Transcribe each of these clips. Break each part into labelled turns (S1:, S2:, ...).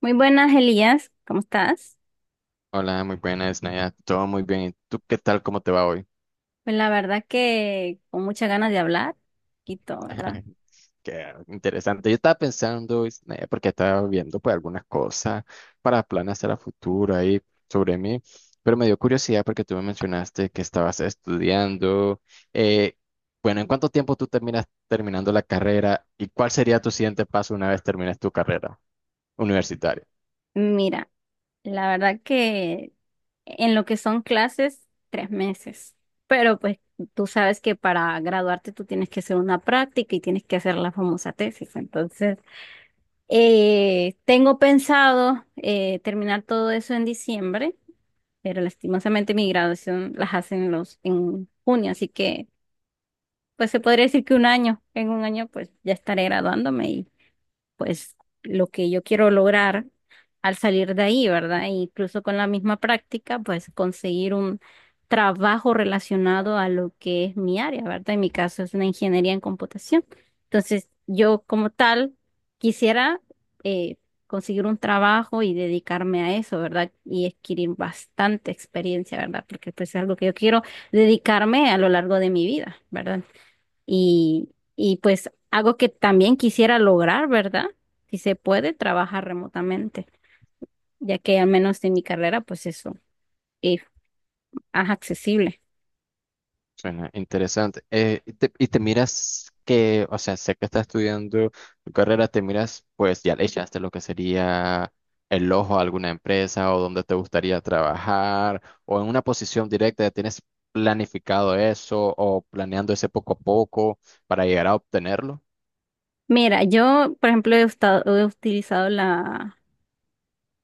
S1: Muy buenas, Elías. ¿Cómo estás?
S2: Hola, muy buenas, Naya. Todo muy bien. ¿Y tú qué tal? ¿Cómo te va hoy?
S1: Pues la verdad que con muchas ganas de hablar, poquito, ¿verdad?
S2: Qué interesante. Yo estaba pensando, Naya, porque estaba viendo pues algunas cosas para planes a la futura y sobre mí, pero me dio curiosidad porque tú me mencionaste que estabas estudiando. Eh, bueno, ¿en cuánto tiempo tú terminas terminando la carrera y cuál sería tu siguiente paso una vez termines tu carrera universitaria?
S1: Mira, la verdad que en lo que son clases, 3 meses. Pero pues tú sabes que para graduarte tú tienes que hacer una práctica y tienes que hacer la famosa tesis. Entonces, tengo pensado terminar todo eso en diciembre, pero lastimosamente mi graduación las hacen los en junio, así que pues se podría decir que un año, en un año pues ya estaré graduándome y pues lo que yo quiero lograr al salir de ahí, ¿verdad? E incluso con la misma práctica, pues conseguir un trabajo relacionado a lo que es mi área, ¿verdad? En mi caso es una ingeniería en computación. Entonces, yo como tal quisiera eh, conseguir un trabajo y dedicarme a eso, ¿verdad? Y adquirir bastante experiencia, ¿verdad? Porque pues es algo que yo quiero dedicarme a lo largo de mi vida, ¿verdad? y, y pues algo que también quisiera lograr, ¿verdad? Si se puede trabajar remotamente, ya que al menos en mi carrera, pues eso es accesible.
S2: Suena interesante. Y te miras que, o sea, sé que estás estudiando tu carrera, te miras, pues ya le echaste lo que sería el ojo a alguna empresa o donde te gustaría trabajar o en una posición directa, ¿tienes planificado eso o planeando ese poco a poco para llegar a obtenerlo?
S1: Mira, yo, por ejemplo, he, he utilizado la,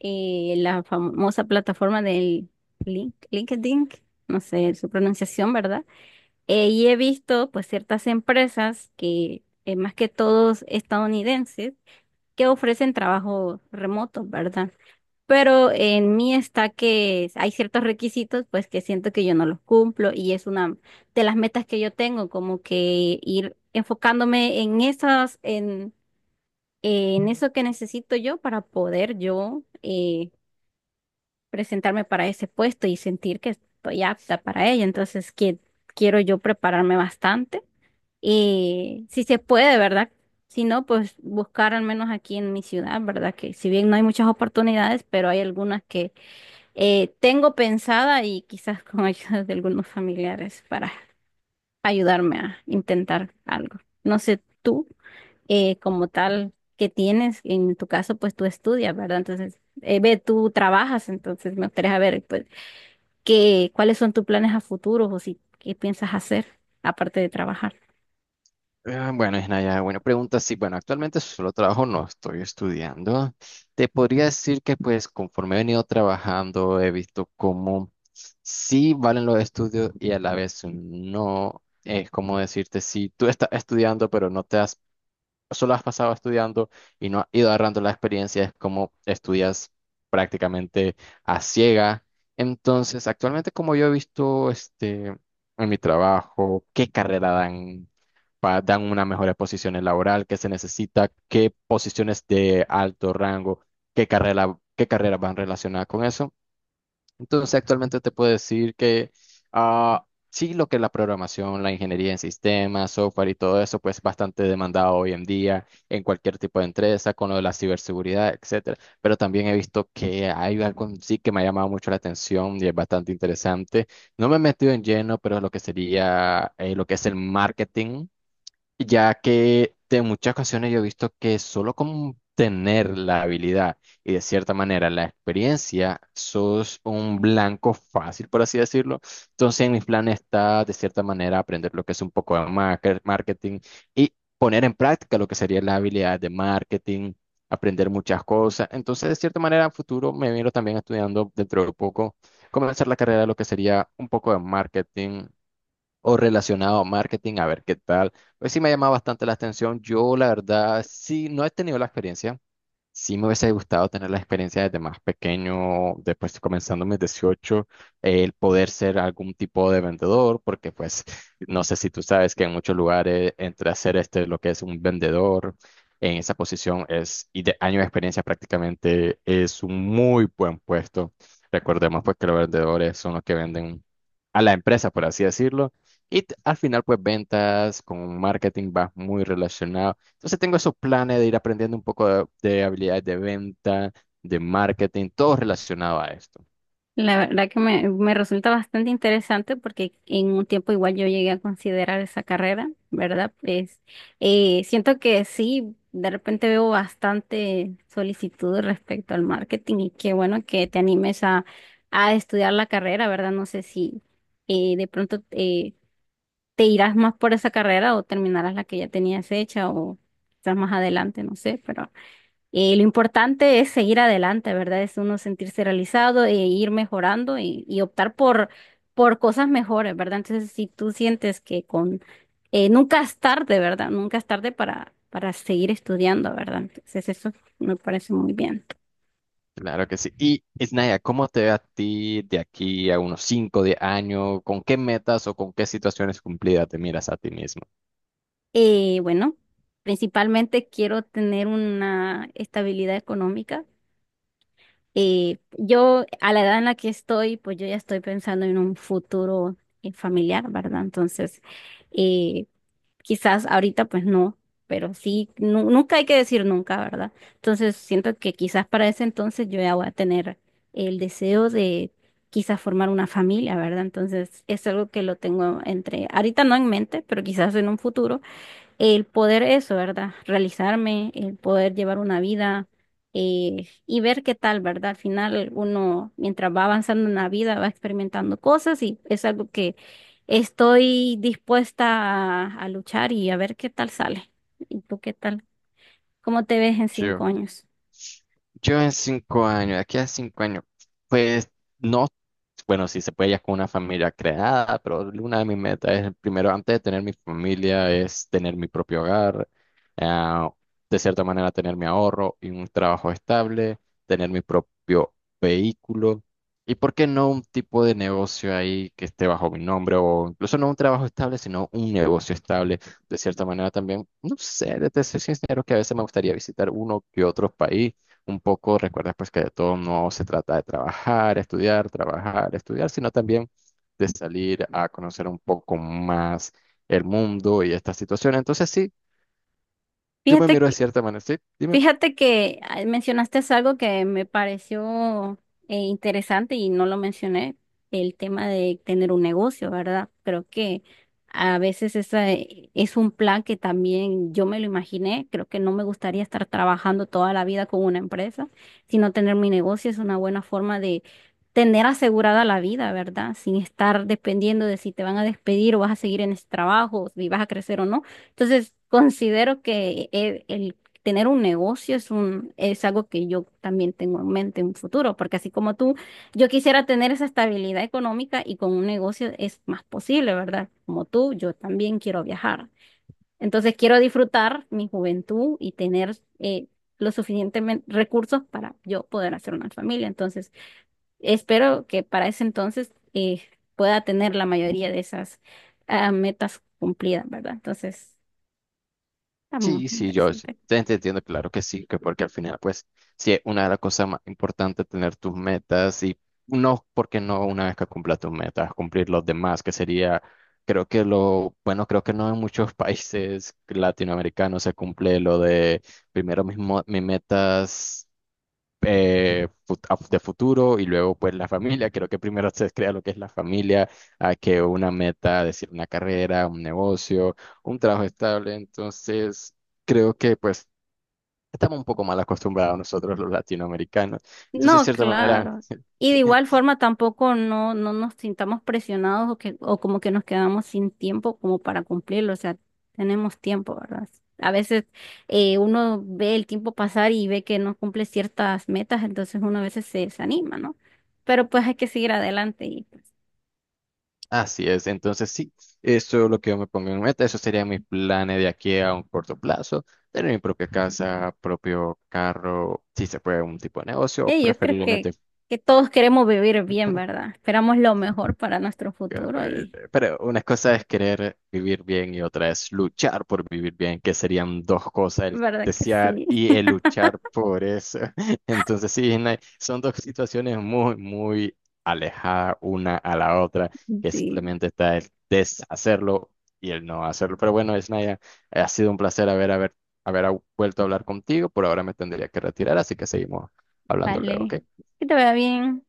S1: eh, la famosa plataforma del LinkedIn, no sé su pronunciación, ¿verdad? Y he visto, pues, ciertas empresas que, más que todos estadounidenses, que ofrecen trabajo remoto, ¿verdad? Pero en mí está que hay ciertos requisitos, pues que siento que yo no los cumplo y es una de las metas que yo tengo, como que ir enfocándome en eso que necesito yo para poder yo presentarme para ese puesto y sentir que estoy apta para ello. Entonces, que quiero yo prepararme bastante. Si se puede, ¿verdad? Si no, pues buscar al menos aquí en mi ciudad, ¿verdad? Que si bien no hay muchas oportunidades, pero hay algunas que tengo pensada y quizás con ayuda de algunos familiares para ayudarme a intentar algo. No sé tú, como tal, que tienes, en tu caso, pues tú estudias, ¿verdad? Entonces, tú trabajas, entonces me gustaría saber, pues, cuáles son tus planes a futuro o si, qué piensas hacer aparte de trabajar.
S2: Bueno, Isnaya, buena pregunta. Sí, bueno, actualmente solo trabajo, no estoy estudiando. Te podría decir que pues conforme he venido trabajando, he visto cómo sí valen los estudios y a la vez no. Es como decirte, si tú estás estudiando pero no te has solo has pasado estudiando y no has ido agarrando la experiencia, es como estudias prácticamente a ciega. Entonces, actualmente como yo he visto este, en mi trabajo, qué carrera dan, dan una mejor posición laboral, qué se necesita, qué posiciones de alto rango, qué carreras van relacionadas con eso. Entonces, actualmente te puedo decir que sí, lo que es la programación, la ingeniería en sistemas, software y todo eso, pues bastante demandado hoy en día en cualquier tipo de empresa, con lo de la ciberseguridad, etcétera. Pero también he visto que hay algo en sí que me ha llamado mucho la atención y es bastante interesante. No me he metido en lleno, pero lo que sería lo que es el marketing, ya que de muchas ocasiones yo he visto que solo con tener la habilidad y de cierta manera la experiencia, sos un blanco fácil, por así decirlo. Entonces, en mis planes está de cierta manera aprender lo que es un poco de marketing y poner en práctica lo que sería la habilidad de marketing, aprender muchas cosas. Entonces, de cierta manera, en futuro me miro también estudiando dentro de poco, comenzar la carrera de lo que sería un poco de marketing o relacionado a marketing, a ver qué tal. Pues sí me ha llamado bastante la atención. Yo, la verdad, sí, no he tenido la experiencia. Sí me hubiese gustado tener la experiencia desde más pequeño, después comenzando mis 18, el poder ser algún tipo de vendedor, porque pues no sé si tú sabes que en muchos lugares entre hacer este lo que es un vendedor en esa posición es, y de año de experiencia prácticamente es un muy buen puesto. Recordemos pues que los vendedores son los que venden a la empresa, por así decirlo, y al final pues ventas con marketing va muy relacionado. Entonces tengo esos planes de ir aprendiendo un poco de habilidades de venta, de marketing, todo relacionado a esto.
S1: La verdad que me resulta bastante interesante porque en un tiempo igual yo llegué a considerar esa carrera, ¿verdad? Pues siento que sí, de repente veo bastante solicitud respecto al marketing y qué bueno que te animes a estudiar la carrera, ¿verdad? No sé si de pronto te irás más por esa carrera o terminarás la que ya tenías hecha o quizás más adelante, no sé, pero... Lo importante es seguir adelante, ¿verdad? Es uno sentirse realizado e ir mejorando y optar por cosas mejores, ¿verdad? Entonces, si tú sientes que con nunca es tarde, ¿verdad? Nunca es tarde para seguir estudiando, ¿verdad? Entonces, eso me parece muy bien.
S2: Claro que sí. Y, Isnaya, ¿cómo te ve a ti de aquí a unos 5 10 años? ¿Con qué metas o con qué situaciones cumplidas te miras a ti mismo?
S1: Bueno, principalmente quiero tener una estabilidad económica. Yo, a la edad en la que estoy, pues yo ya estoy pensando en un futuro familiar, ¿verdad? Entonces, eh, Quizás ahorita pues no, pero sí, nunca hay que decir nunca, ¿verdad? Entonces siento que quizás para ese entonces yo ya voy a tener el deseo de quizás formar una familia, ¿verdad? Entonces es algo que lo tengo entre, ahorita no en mente, pero quizás en un futuro el poder eso, ¿verdad? Realizarme, el poder llevar una vida y ver qué tal, ¿verdad? Al final uno, mientras va avanzando en la vida, va experimentando cosas y es algo que estoy dispuesta a luchar y a ver qué tal sale. ¿Y tú qué tal? ¿Cómo te ves en 5 años?
S2: Yo en 5 años, aquí a 5 años, pues no, bueno, si se puede ya con una familia creada, pero una de mis metas es, primero, antes de tener mi familia, es tener mi propio hogar, ah, de cierta manera tener mi ahorro y un trabajo estable, tener mi propio vehículo, y por qué no un tipo de negocio ahí que esté bajo mi nombre, o incluso no un trabajo estable, sino un negocio estable. De cierta manera también, no sé, de ser sincero, que a veces me gustaría visitar uno que otro país, un poco recuerda pues que de todo no se trata de trabajar, estudiar, sino también de salir a conocer un poco más el mundo y esta situación. Entonces sí, yo me
S1: Fíjate,
S2: miro de
S1: que
S2: cierta manera, sí, dime.
S1: Fíjate que ah, mencionaste algo que me pareció interesante y no lo mencioné, el tema de tener un negocio, ¿verdad? Creo que a veces esa es un plan que también yo me lo imaginé, creo que no me gustaría estar trabajando toda la vida con una empresa, sino tener mi negocio es una buena forma de tener asegurada la vida, ¿verdad? Sin estar dependiendo de si te van a despedir o vas a seguir en ese trabajo, si vas a crecer o no. Entonces, considero que tener un negocio es algo que yo también tengo en mente en un futuro, porque así como tú, yo quisiera tener esa estabilidad económica y con un negocio es más posible, ¿verdad? Como tú, yo también quiero viajar. Entonces quiero disfrutar mi juventud y tener los suficientes recursos para yo poder hacer una familia. Entonces espero que para ese entonces pueda tener la mayoría de esas metas cumplidas, ¿verdad? Entonces, está muy
S2: Sí, sí, yo
S1: interesante.
S2: te entiendo, claro que sí, que porque al final, pues, sí, es una de las cosas más importantes tener tus metas y no, porque no una vez que cumplas tus metas, cumplir los demás, que sería, creo que lo, bueno, creo que no en muchos países latinoamericanos se cumple lo de primero mis metas de futuro y luego, pues, la familia. Creo que primero se crea lo que es la familia, a que una meta, decir, una carrera, un negocio, un trabajo estable, entonces... Creo que pues estamos un poco mal acostumbrados nosotros los latinoamericanos. Entonces, de
S1: No,
S2: cierta manera,
S1: claro. Y de igual forma tampoco no nos sintamos presionados o que, o como que nos quedamos sin tiempo como para cumplirlo. O sea, tenemos tiempo, ¿verdad? A veces uno ve el tiempo pasar y ve que no cumple ciertas metas, entonces uno a veces se desanima, ¿no? Pero pues hay que seguir adelante y
S2: así es. Entonces, sí, eso es lo que yo me pongo en meta. Eso serían mis planes de aquí a un corto plazo. Tener mi propia casa, propio carro, si se puede, un tipo de negocio, o
S1: yo creo
S2: preferiblemente.
S1: que todos queremos vivir bien, ¿verdad? Esperamos lo mejor para nuestro futuro y
S2: Pero una cosa es querer vivir bien y otra es luchar por vivir bien, que serían dos cosas, el
S1: ¿verdad que
S2: desear
S1: sí?
S2: y el luchar por eso. Entonces sí, no hay- son dos situaciones muy, muy alejadas una a la otra, que
S1: Sí,
S2: simplemente está el deshacerlo y el no hacerlo. Pero bueno, Isnaya, ha sido un placer haber vuelto a hablar contigo. Por ahora me tendría que retirar, así que seguimos hablando luego,
S1: vale.
S2: ¿ok?
S1: Que te vaya bien.